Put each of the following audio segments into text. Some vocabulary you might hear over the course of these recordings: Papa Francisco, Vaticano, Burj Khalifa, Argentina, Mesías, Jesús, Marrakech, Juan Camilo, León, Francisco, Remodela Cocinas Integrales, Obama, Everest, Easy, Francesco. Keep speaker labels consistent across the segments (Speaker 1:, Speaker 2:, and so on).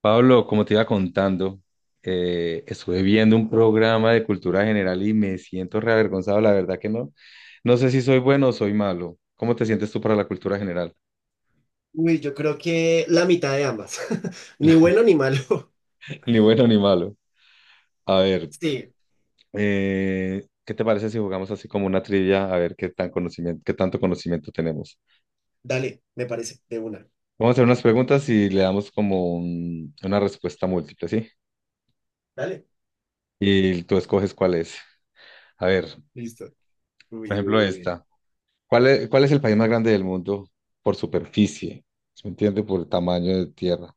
Speaker 1: Pablo, como te iba contando, estuve viendo un programa de cultura general y me siento reavergonzado, la verdad que no. No sé si soy bueno o soy malo. ¿Cómo te sientes tú para la cultura general?
Speaker 2: Uy, yo creo que la mitad de ambas. Ni bueno ni malo.
Speaker 1: Ni bueno ni malo. A ver,
Speaker 2: Sí,
Speaker 1: ¿qué te parece si jugamos así como una trivia? A ver qué tanto conocimiento tenemos.
Speaker 2: dale, me parece, de una.
Speaker 1: Vamos a hacer unas preguntas y le damos como una respuesta múltiple, ¿sí?
Speaker 2: Dale.
Speaker 1: Y tú escoges cuál es. A ver,
Speaker 2: Listo.
Speaker 1: por
Speaker 2: Uy, uy,
Speaker 1: ejemplo,
Speaker 2: uy.
Speaker 1: esta. ¿Cuál es el país más grande del mundo por superficie? ¿Se me entiende? Por tamaño de tierra.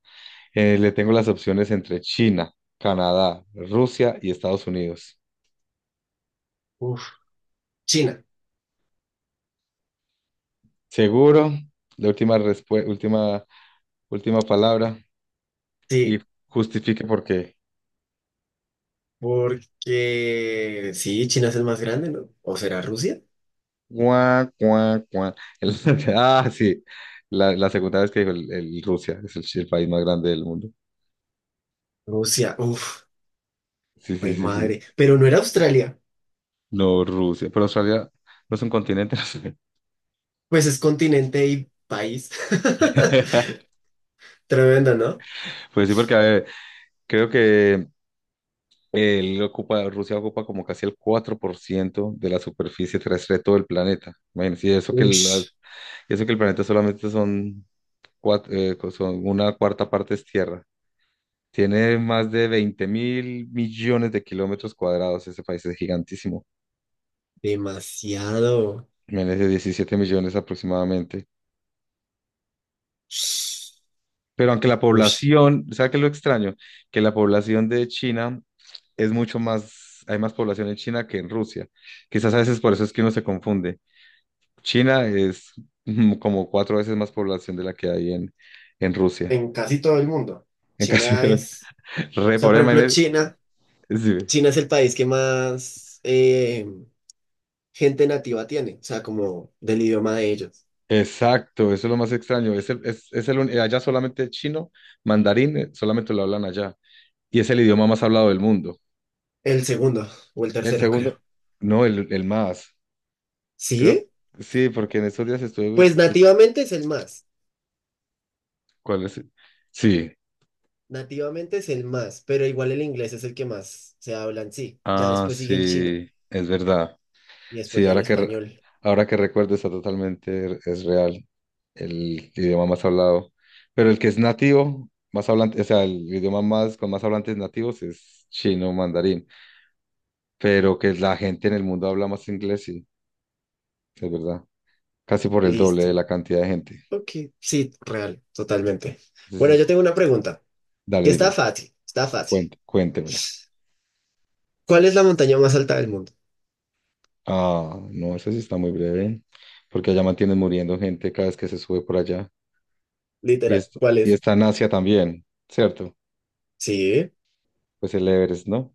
Speaker 1: Le tengo las opciones entre China, Canadá, Rusia y Estados Unidos.
Speaker 2: Uf, China.
Speaker 1: Seguro, la última palabra y
Speaker 2: Sí,
Speaker 1: justifique por qué.
Speaker 2: porque sí, China es el más grande, ¿no? ¿O será Rusia?
Speaker 1: Guau, guau, guau. El- ah, sí, la segunda vez que dijo el Rusia, es el país más grande del mundo.
Speaker 2: Rusia, uf,
Speaker 1: Sí, sí,
Speaker 2: mi
Speaker 1: sí, sí.
Speaker 2: madre. Pero no era Australia.
Speaker 1: No, Rusia, pero Australia no es un continente, no sé.
Speaker 2: Pues es continente y país. Tremendo, ¿no?
Speaker 1: Pues sí, porque a ver, creo que Rusia ocupa como casi el 4% de la superficie terrestre de todo el planeta. Imagínense.
Speaker 2: Ush,
Speaker 1: Y eso que el planeta solamente son una cuarta parte es tierra. Tiene más de 20 mil millones de kilómetros cuadrados. Ese país es gigantísimo.
Speaker 2: demasiado.
Speaker 1: Imagínense, 17 millones aproximadamente. Pero aunque la
Speaker 2: Ush,
Speaker 1: población, ¿sabes qué es lo extraño? Que la población de China es mucho más, hay más población en China que en Rusia. Quizás a veces por eso es que uno se confunde. China es como cuatro veces más población de la que hay en Rusia.
Speaker 2: en casi todo el mundo.
Speaker 1: En casi
Speaker 2: China es. O
Speaker 1: re
Speaker 2: sea,
Speaker 1: pobre
Speaker 2: por ejemplo,
Speaker 1: manera-
Speaker 2: China.
Speaker 1: sí.
Speaker 2: China es el país que más gente nativa tiene, o sea, como del idioma de ellos.
Speaker 1: Exacto, eso es lo más extraño. Es el, un- Allá solamente chino, mandarín, solamente lo hablan allá. Y es el idioma más hablado del mundo.
Speaker 2: El segundo o el
Speaker 1: El
Speaker 2: tercero,
Speaker 1: segundo,
Speaker 2: creo.
Speaker 1: no, el más, creo.
Speaker 2: ¿Sí?
Speaker 1: Sí, porque en estos días estuve
Speaker 2: Pues nativamente es el más.
Speaker 1: ¿Cuál es? ¿El? Sí.
Speaker 2: Nativamente es el más, pero igual el inglés es el que más se habla en sí. Ya
Speaker 1: Ah,
Speaker 2: después sigue el chino
Speaker 1: sí, es verdad.
Speaker 2: y
Speaker 1: Sí,
Speaker 2: después ya el español.
Speaker 1: ahora que recuerdo está totalmente, es real el idioma más hablado. Pero el que es nativo, más hablante, o sea, el idioma más con más hablantes nativos es chino, mandarín. Pero que la gente en el mundo habla más inglés, sí, es verdad. Casi por el doble de
Speaker 2: Listo.
Speaker 1: la cantidad de gente.
Speaker 2: Ok, sí, real, totalmente. Bueno,
Speaker 1: Entonces,
Speaker 2: yo tengo una pregunta,
Speaker 1: dale,
Speaker 2: que está
Speaker 1: dímela,
Speaker 2: fácil, está fácil.
Speaker 1: cuéntemela.
Speaker 2: ¿Cuál es la montaña más alta del mundo?
Speaker 1: Ah, no, eso sí está muy breve, porque allá mantienen muriendo gente cada vez que se sube por allá. Y,
Speaker 2: Literal,
Speaker 1: esto,
Speaker 2: ¿cuál
Speaker 1: y
Speaker 2: es?
Speaker 1: está en Asia también, ¿cierto?
Speaker 2: Sí,
Speaker 1: Pues el Everest, ¿no?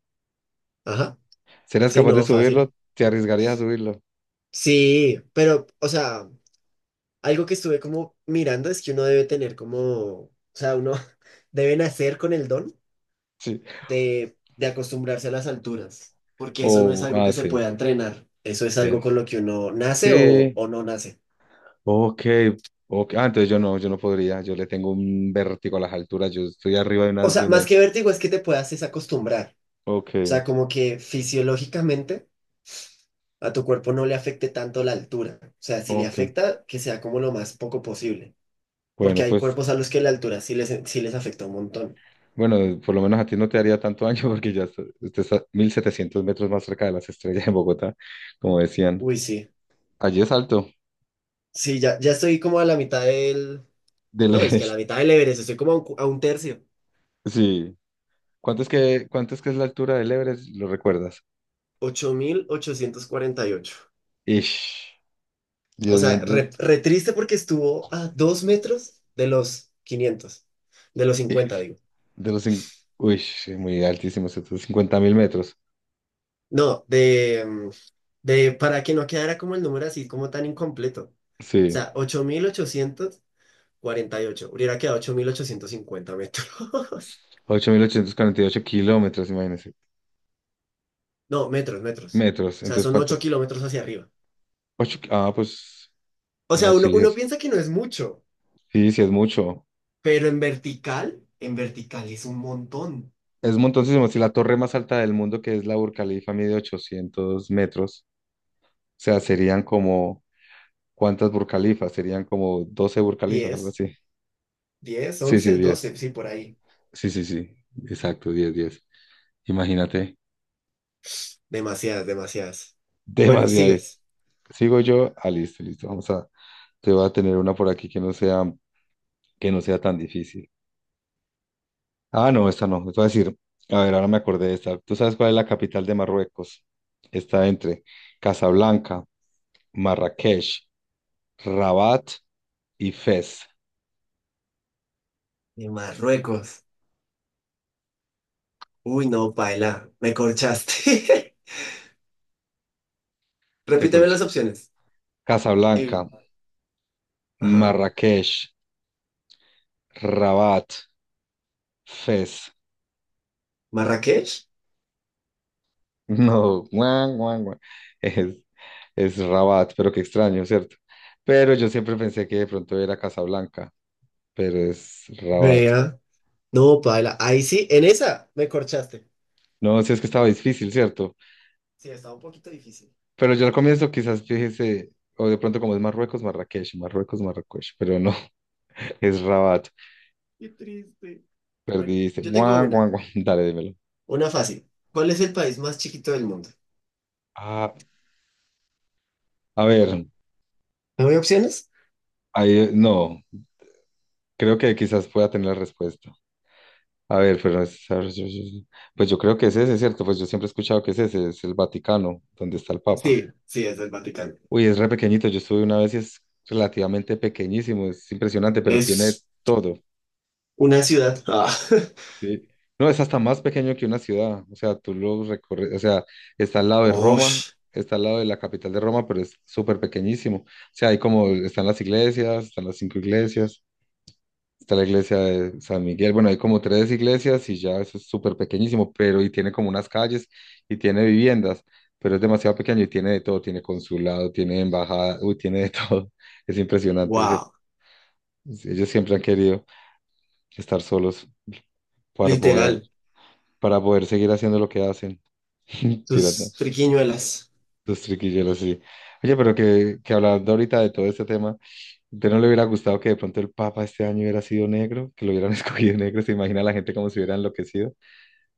Speaker 2: ajá,
Speaker 1: ¿Serías
Speaker 2: sí,
Speaker 1: capaz de
Speaker 2: no,
Speaker 1: subirlo?
Speaker 2: fácil.
Speaker 1: ¿Te arriesgarías a subirlo?
Speaker 2: Sí, pero, o sea, algo que estuve como mirando es que uno debe tener como, o sea, uno debe nacer con el don
Speaker 1: Sí.
Speaker 2: de acostumbrarse a las alturas, porque eso no es
Speaker 1: O,
Speaker 2: algo
Speaker 1: ah,
Speaker 2: que se
Speaker 1: sí.
Speaker 2: pueda entrenar, eso es algo
Speaker 1: Es-
Speaker 2: con lo que uno nace
Speaker 1: sí.
Speaker 2: o no nace.
Speaker 1: Ok. Ok. Ah, entonces yo no, yo no podría. Yo le tengo un vértigo a las alturas. Yo estoy arriba de
Speaker 2: O
Speaker 1: una, de
Speaker 2: sea,
Speaker 1: una.
Speaker 2: más que vértigo es que te puedas desacostumbrar,
Speaker 1: Ok,
Speaker 2: o sea, como que fisiológicamente a tu cuerpo no le afecte tanto la altura, o sea, si le
Speaker 1: ok.
Speaker 2: afecta, que sea como lo más poco posible, porque
Speaker 1: Bueno,
Speaker 2: hay
Speaker 1: pues,
Speaker 2: cuerpos a los que la altura sí les afecta un montón.
Speaker 1: bueno, por lo menos a ti no te haría tanto daño porque usted está 1700 metros más cerca de las estrellas en Bogotá, como decían.
Speaker 2: Uy, sí.
Speaker 1: Allí es alto,
Speaker 2: Sí, ya, ya estoy como a la mitad del...
Speaker 1: del
Speaker 2: No, es que a la
Speaker 1: Everest.
Speaker 2: mitad del Everest, estoy como a un, a un tercio.
Speaker 1: Sí. ¿Cuánto es que es la altura del Everest? ¿Lo recuerdas?
Speaker 2: 8848.
Speaker 1: Ish.
Speaker 2: O
Speaker 1: Dios
Speaker 2: sea,
Speaker 1: mío.
Speaker 2: re, re triste porque estuvo a dos metros de los quinientos, de los cincuenta digo.
Speaker 1: De los... cin- Uy, sí, muy altísimo, 50.000 metros.
Speaker 2: No, de, de, para que no quedara como el número así, como tan incompleto. O
Speaker 1: Sí,
Speaker 2: sea, 8848 hubiera quedado 8850 metros.
Speaker 1: 8.848 kilómetros, imagínense.
Speaker 2: No, metros, metros.
Speaker 1: Metros,
Speaker 2: O sea,
Speaker 1: entonces,
Speaker 2: son
Speaker 1: ¿cuánto?
Speaker 2: 8 kilómetros hacia arriba.
Speaker 1: Ocho. Ah, pues,
Speaker 2: O
Speaker 1: bueno,
Speaker 2: sea, uno,
Speaker 1: sí,
Speaker 2: uno
Speaker 1: es...
Speaker 2: piensa que no es mucho.
Speaker 1: sí, sí, es mucho.
Speaker 2: Pero en vertical es un montón.
Speaker 1: Es montoncísimo. Si la torre más alta del mundo, que es la Burj Khalifa, mide 800 metros, o sea, serían como, ¿cuántas Burj Khalifas? Serían como 12 Burj Khalifas, algo
Speaker 2: diez
Speaker 1: así.
Speaker 2: diez
Speaker 1: Sí, sí,
Speaker 2: once
Speaker 1: 10.
Speaker 2: doce sí, por ahí.
Speaker 1: Sí, sí, sí, exacto, 10 10. Imagínate,
Speaker 2: Demasiadas, demasiadas. Bueno,
Speaker 1: demasiado.
Speaker 2: sigues.
Speaker 1: Sigo yo, ah, listo, listo, vamos a. Te voy a tener una por aquí que no sea tan difícil. Ah, no, esta no. Te voy a decir, a ver, ahora me acordé de esta. ¿Tú sabes cuál es la capital de Marruecos? Está entre Casablanca, Marrakech, Rabat y Fez.
Speaker 2: De Marruecos. Uy, no, paila, me corchaste.
Speaker 1: Te
Speaker 2: Repíteme
Speaker 1: corché.
Speaker 2: las opciones. Y-
Speaker 1: Casablanca,
Speaker 2: Ajá.
Speaker 1: Marrakech, Rabat, Fez.
Speaker 2: Marrakech.
Speaker 1: No, guan, guan, guan. Es, es Rabat, pero qué extraño, ¿cierto? Pero yo siempre pensé que de pronto era Casablanca, pero es Rabat.
Speaker 2: Vea. No, paila, ahí sí, en esa me corchaste.
Speaker 1: No, si es que estaba difícil, ¿cierto?
Speaker 2: Sí, estaba un poquito difícil.
Speaker 1: Pero yo al comienzo quizás fíjese, o de pronto como es Marruecos, Marrakech, Marruecos, Marrakech, pero no, es Rabat.
Speaker 2: Qué triste. Bueno,
Speaker 1: Perdiste.
Speaker 2: yo tengo
Speaker 1: Guau, guau, guau. Dale, dímelo.
Speaker 2: una fácil. ¿Cuál es el país más chiquito del mundo?
Speaker 1: Ah, a ver,
Speaker 2: ¿No hay opciones?
Speaker 1: ahí, no, creo que quizás pueda tener la respuesta. A ver, pero pues yo creo que es ese, ¿cierto? Pues yo siempre he escuchado que es ese, es el Vaticano, donde está el Papa.
Speaker 2: Sí, sí, es el Vaticano.
Speaker 1: Uy, es re pequeñito, yo estuve una vez y es relativamente pequeñísimo, es impresionante, pero tiene
Speaker 2: Es
Speaker 1: todo.
Speaker 2: una ciudad. Ah.
Speaker 1: Sí. No, es hasta más pequeño que una ciudad. O sea, tú lo recorres, o sea, está al lado de Roma,
Speaker 2: Osh,
Speaker 1: está al lado de la capital de Roma, pero es súper pequeñísimo. O sea, hay como, están las iglesias, están las cinco iglesias, está la iglesia de San Miguel. Bueno, hay como tres iglesias y ya eso es súper pequeñísimo, pero y tiene como unas calles y tiene viviendas, pero es demasiado pequeño y tiene de todo, tiene consulado, tiene embajada, uy, tiene de todo. Es impresionante.
Speaker 2: wow.
Speaker 1: Ellos siempre han querido estar solos para poder,
Speaker 2: Literal.
Speaker 1: para poder seguir haciendo lo que hacen. Tirando
Speaker 2: Sus friquiñuelas.
Speaker 1: sus triquillos así. Oye, pero que hablando ahorita de todo este tema, ¿usted no le hubiera gustado que de pronto el Papa este año hubiera sido negro? Que lo hubieran escogido negro, ¿se imagina la gente como si hubiera enloquecido?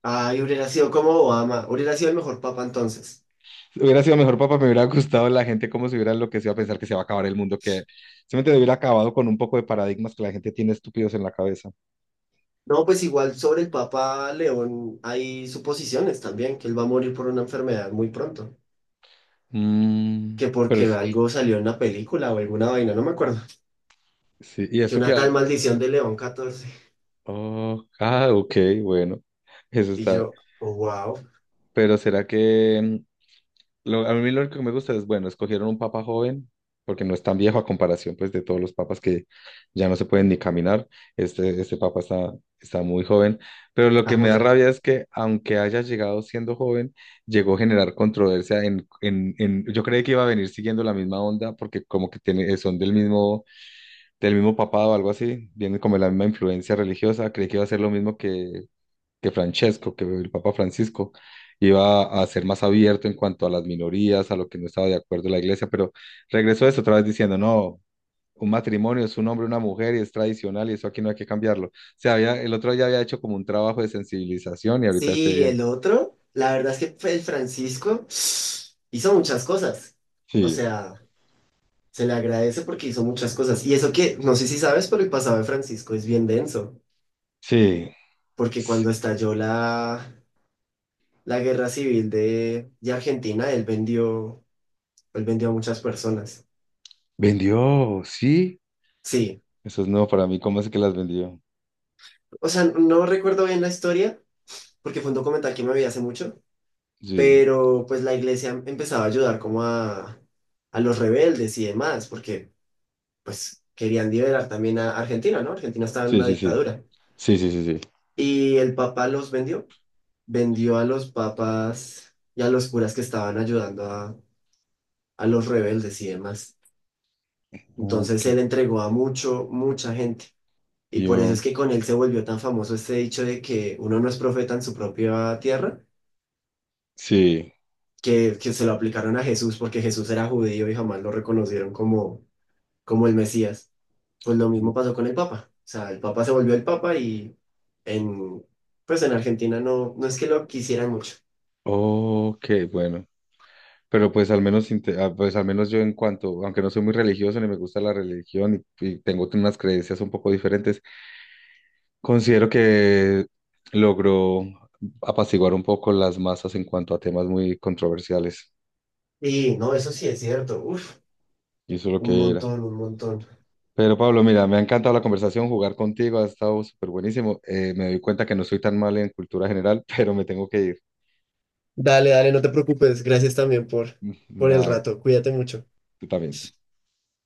Speaker 2: Ay, hubiera sido como Obama. Hubiera sido el mejor papa entonces.
Speaker 1: Si hubiera sido mejor Papa, me hubiera gustado la gente como si hubiera enloquecido a pensar que se va a acabar el mundo, que simplemente hubiera acabado con un poco de paradigmas que la gente tiene estúpidos en la cabeza.
Speaker 2: No, pues igual sobre el papa León hay suposiciones también, que él va a morir por una enfermedad muy pronto.
Speaker 1: Mm,
Speaker 2: Que
Speaker 1: pero
Speaker 2: porque algo salió en una película o alguna vaina, no me acuerdo.
Speaker 1: sí, y
Speaker 2: Que
Speaker 1: eso
Speaker 2: una tal
Speaker 1: que...
Speaker 2: maldición de León XIV.
Speaker 1: Oh, ah, ok, bueno, eso
Speaker 2: Y
Speaker 1: está...
Speaker 2: yo, wow,
Speaker 1: Pero ¿será que... A mí lo único que me gusta es, bueno, escogieron un papa joven, porque no es tan viejo a comparación pues de todos los papas que ya no se pueden ni caminar. Este papa está, está muy joven, pero lo
Speaker 2: esta
Speaker 1: que me da
Speaker 2: joya.
Speaker 1: rabia es que aunque haya llegado siendo joven, llegó a generar controversia en, yo creí que iba a venir siguiendo la misma onda, porque como que tiene, son del mismo papado o algo así, vienen como de la misma influencia religiosa, creí que iba a ser lo mismo que Francesco, que el Papa Francisco iba a ser más abierto en cuanto a las minorías, a lo que no estaba de acuerdo la iglesia, pero regresó a eso otra vez diciendo, no, un matrimonio es un hombre, y una mujer y es tradicional y eso aquí no hay que cambiarlo. O sea, había, el otro ya había hecho como un trabajo de sensibilización y ahorita esté
Speaker 2: Sí,
Speaker 1: bien.
Speaker 2: el otro, la verdad es que fue el Francisco, hizo muchas cosas. O
Speaker 1: Sí,
Speaker 2: sea, se le agradece porque hizo muchas cosas. Y eso que, no sé si sabes, pero el pasado de Francisco es bien denso.
Speaker 1: sí.
Speaker 2: Porque
Speaker 1: S-
Speaker 2: cuando estalló la guerra civil de Argentina, él vendió a muchas personas.
Speaker 1: vendió, sí.
Speaker 2: Sí,
Speaker 1: Eso es nuevo para mí. ¿Cómo es que las vendió?
Speaker 2: o sea, no recuerdo bien la historia porque fue un documental que me vi hace mucho,
Speaker 1: Sí,
Speaker 2: pero pues la iglesia empezaba a ayudar como a los rebeldes y demás, porque pues querían liberar también a Argentina, ¿no? Argentina estaba en
Speaker 1: sí,
Speaker 2: una
Speaker 1: sí, sí.
Speaker 2: dictadura.
Speaker 1: Sí, sí, sí, sí.
Speaker 2: Y el Papa los vendió, vendió a los papas y a los curas que estaban ayudando a los rebeldes y demás. Entonces
Speaker 1: Ok.
Speaker 2: él entregó a mucho, mucha gente. Y por eso
Speaker 1: Yo,
Speaker 2: es que con él se volvió tan famoso este dicho de que uno no es profeta en su propia tierra,
Speaker 1: sí.
Speaker 2: que se lo aplicaron a Jesús porque Jesús era judío y jamás lo reconocieron como, como el Mesías. Pues lo mismo pasó con el Papa. O sea, el Papa se volvió el Papa y en, pues en Argentina no, no es que lo quisieran mucho.
Speaker 1: Ok, bueno. Pero pues al menos, inte- ah, pues al menos yo en cuanto, aunque no soy muy religioso ni me gusta la religión y tengo unas creencias un poco diferentes, considero que logró apaciguar un poco las masas en cuanto a temas muy controversiales.
Speaker 2: Sí, no, eso sí es cierto. Uf,
Speaker 1: Y eso es lo
Speaker 2: un
Speaker 1: que era.
Speaker 2: montón, un montón.
Speaker 1: Pero Pablo, mira, me ha encantado la conversación, jugar contigo ha estado súper buenísimo. Me doy cuenta que no soy tan mal en cultura general, pero me tengo que ir.
Speaker 2: Dale, dale, no te preocupes. Gracias también por el
Speaker 1: Nada,
Speaker 2: rato. Cuídate mucho.
Speaker 1: tú también.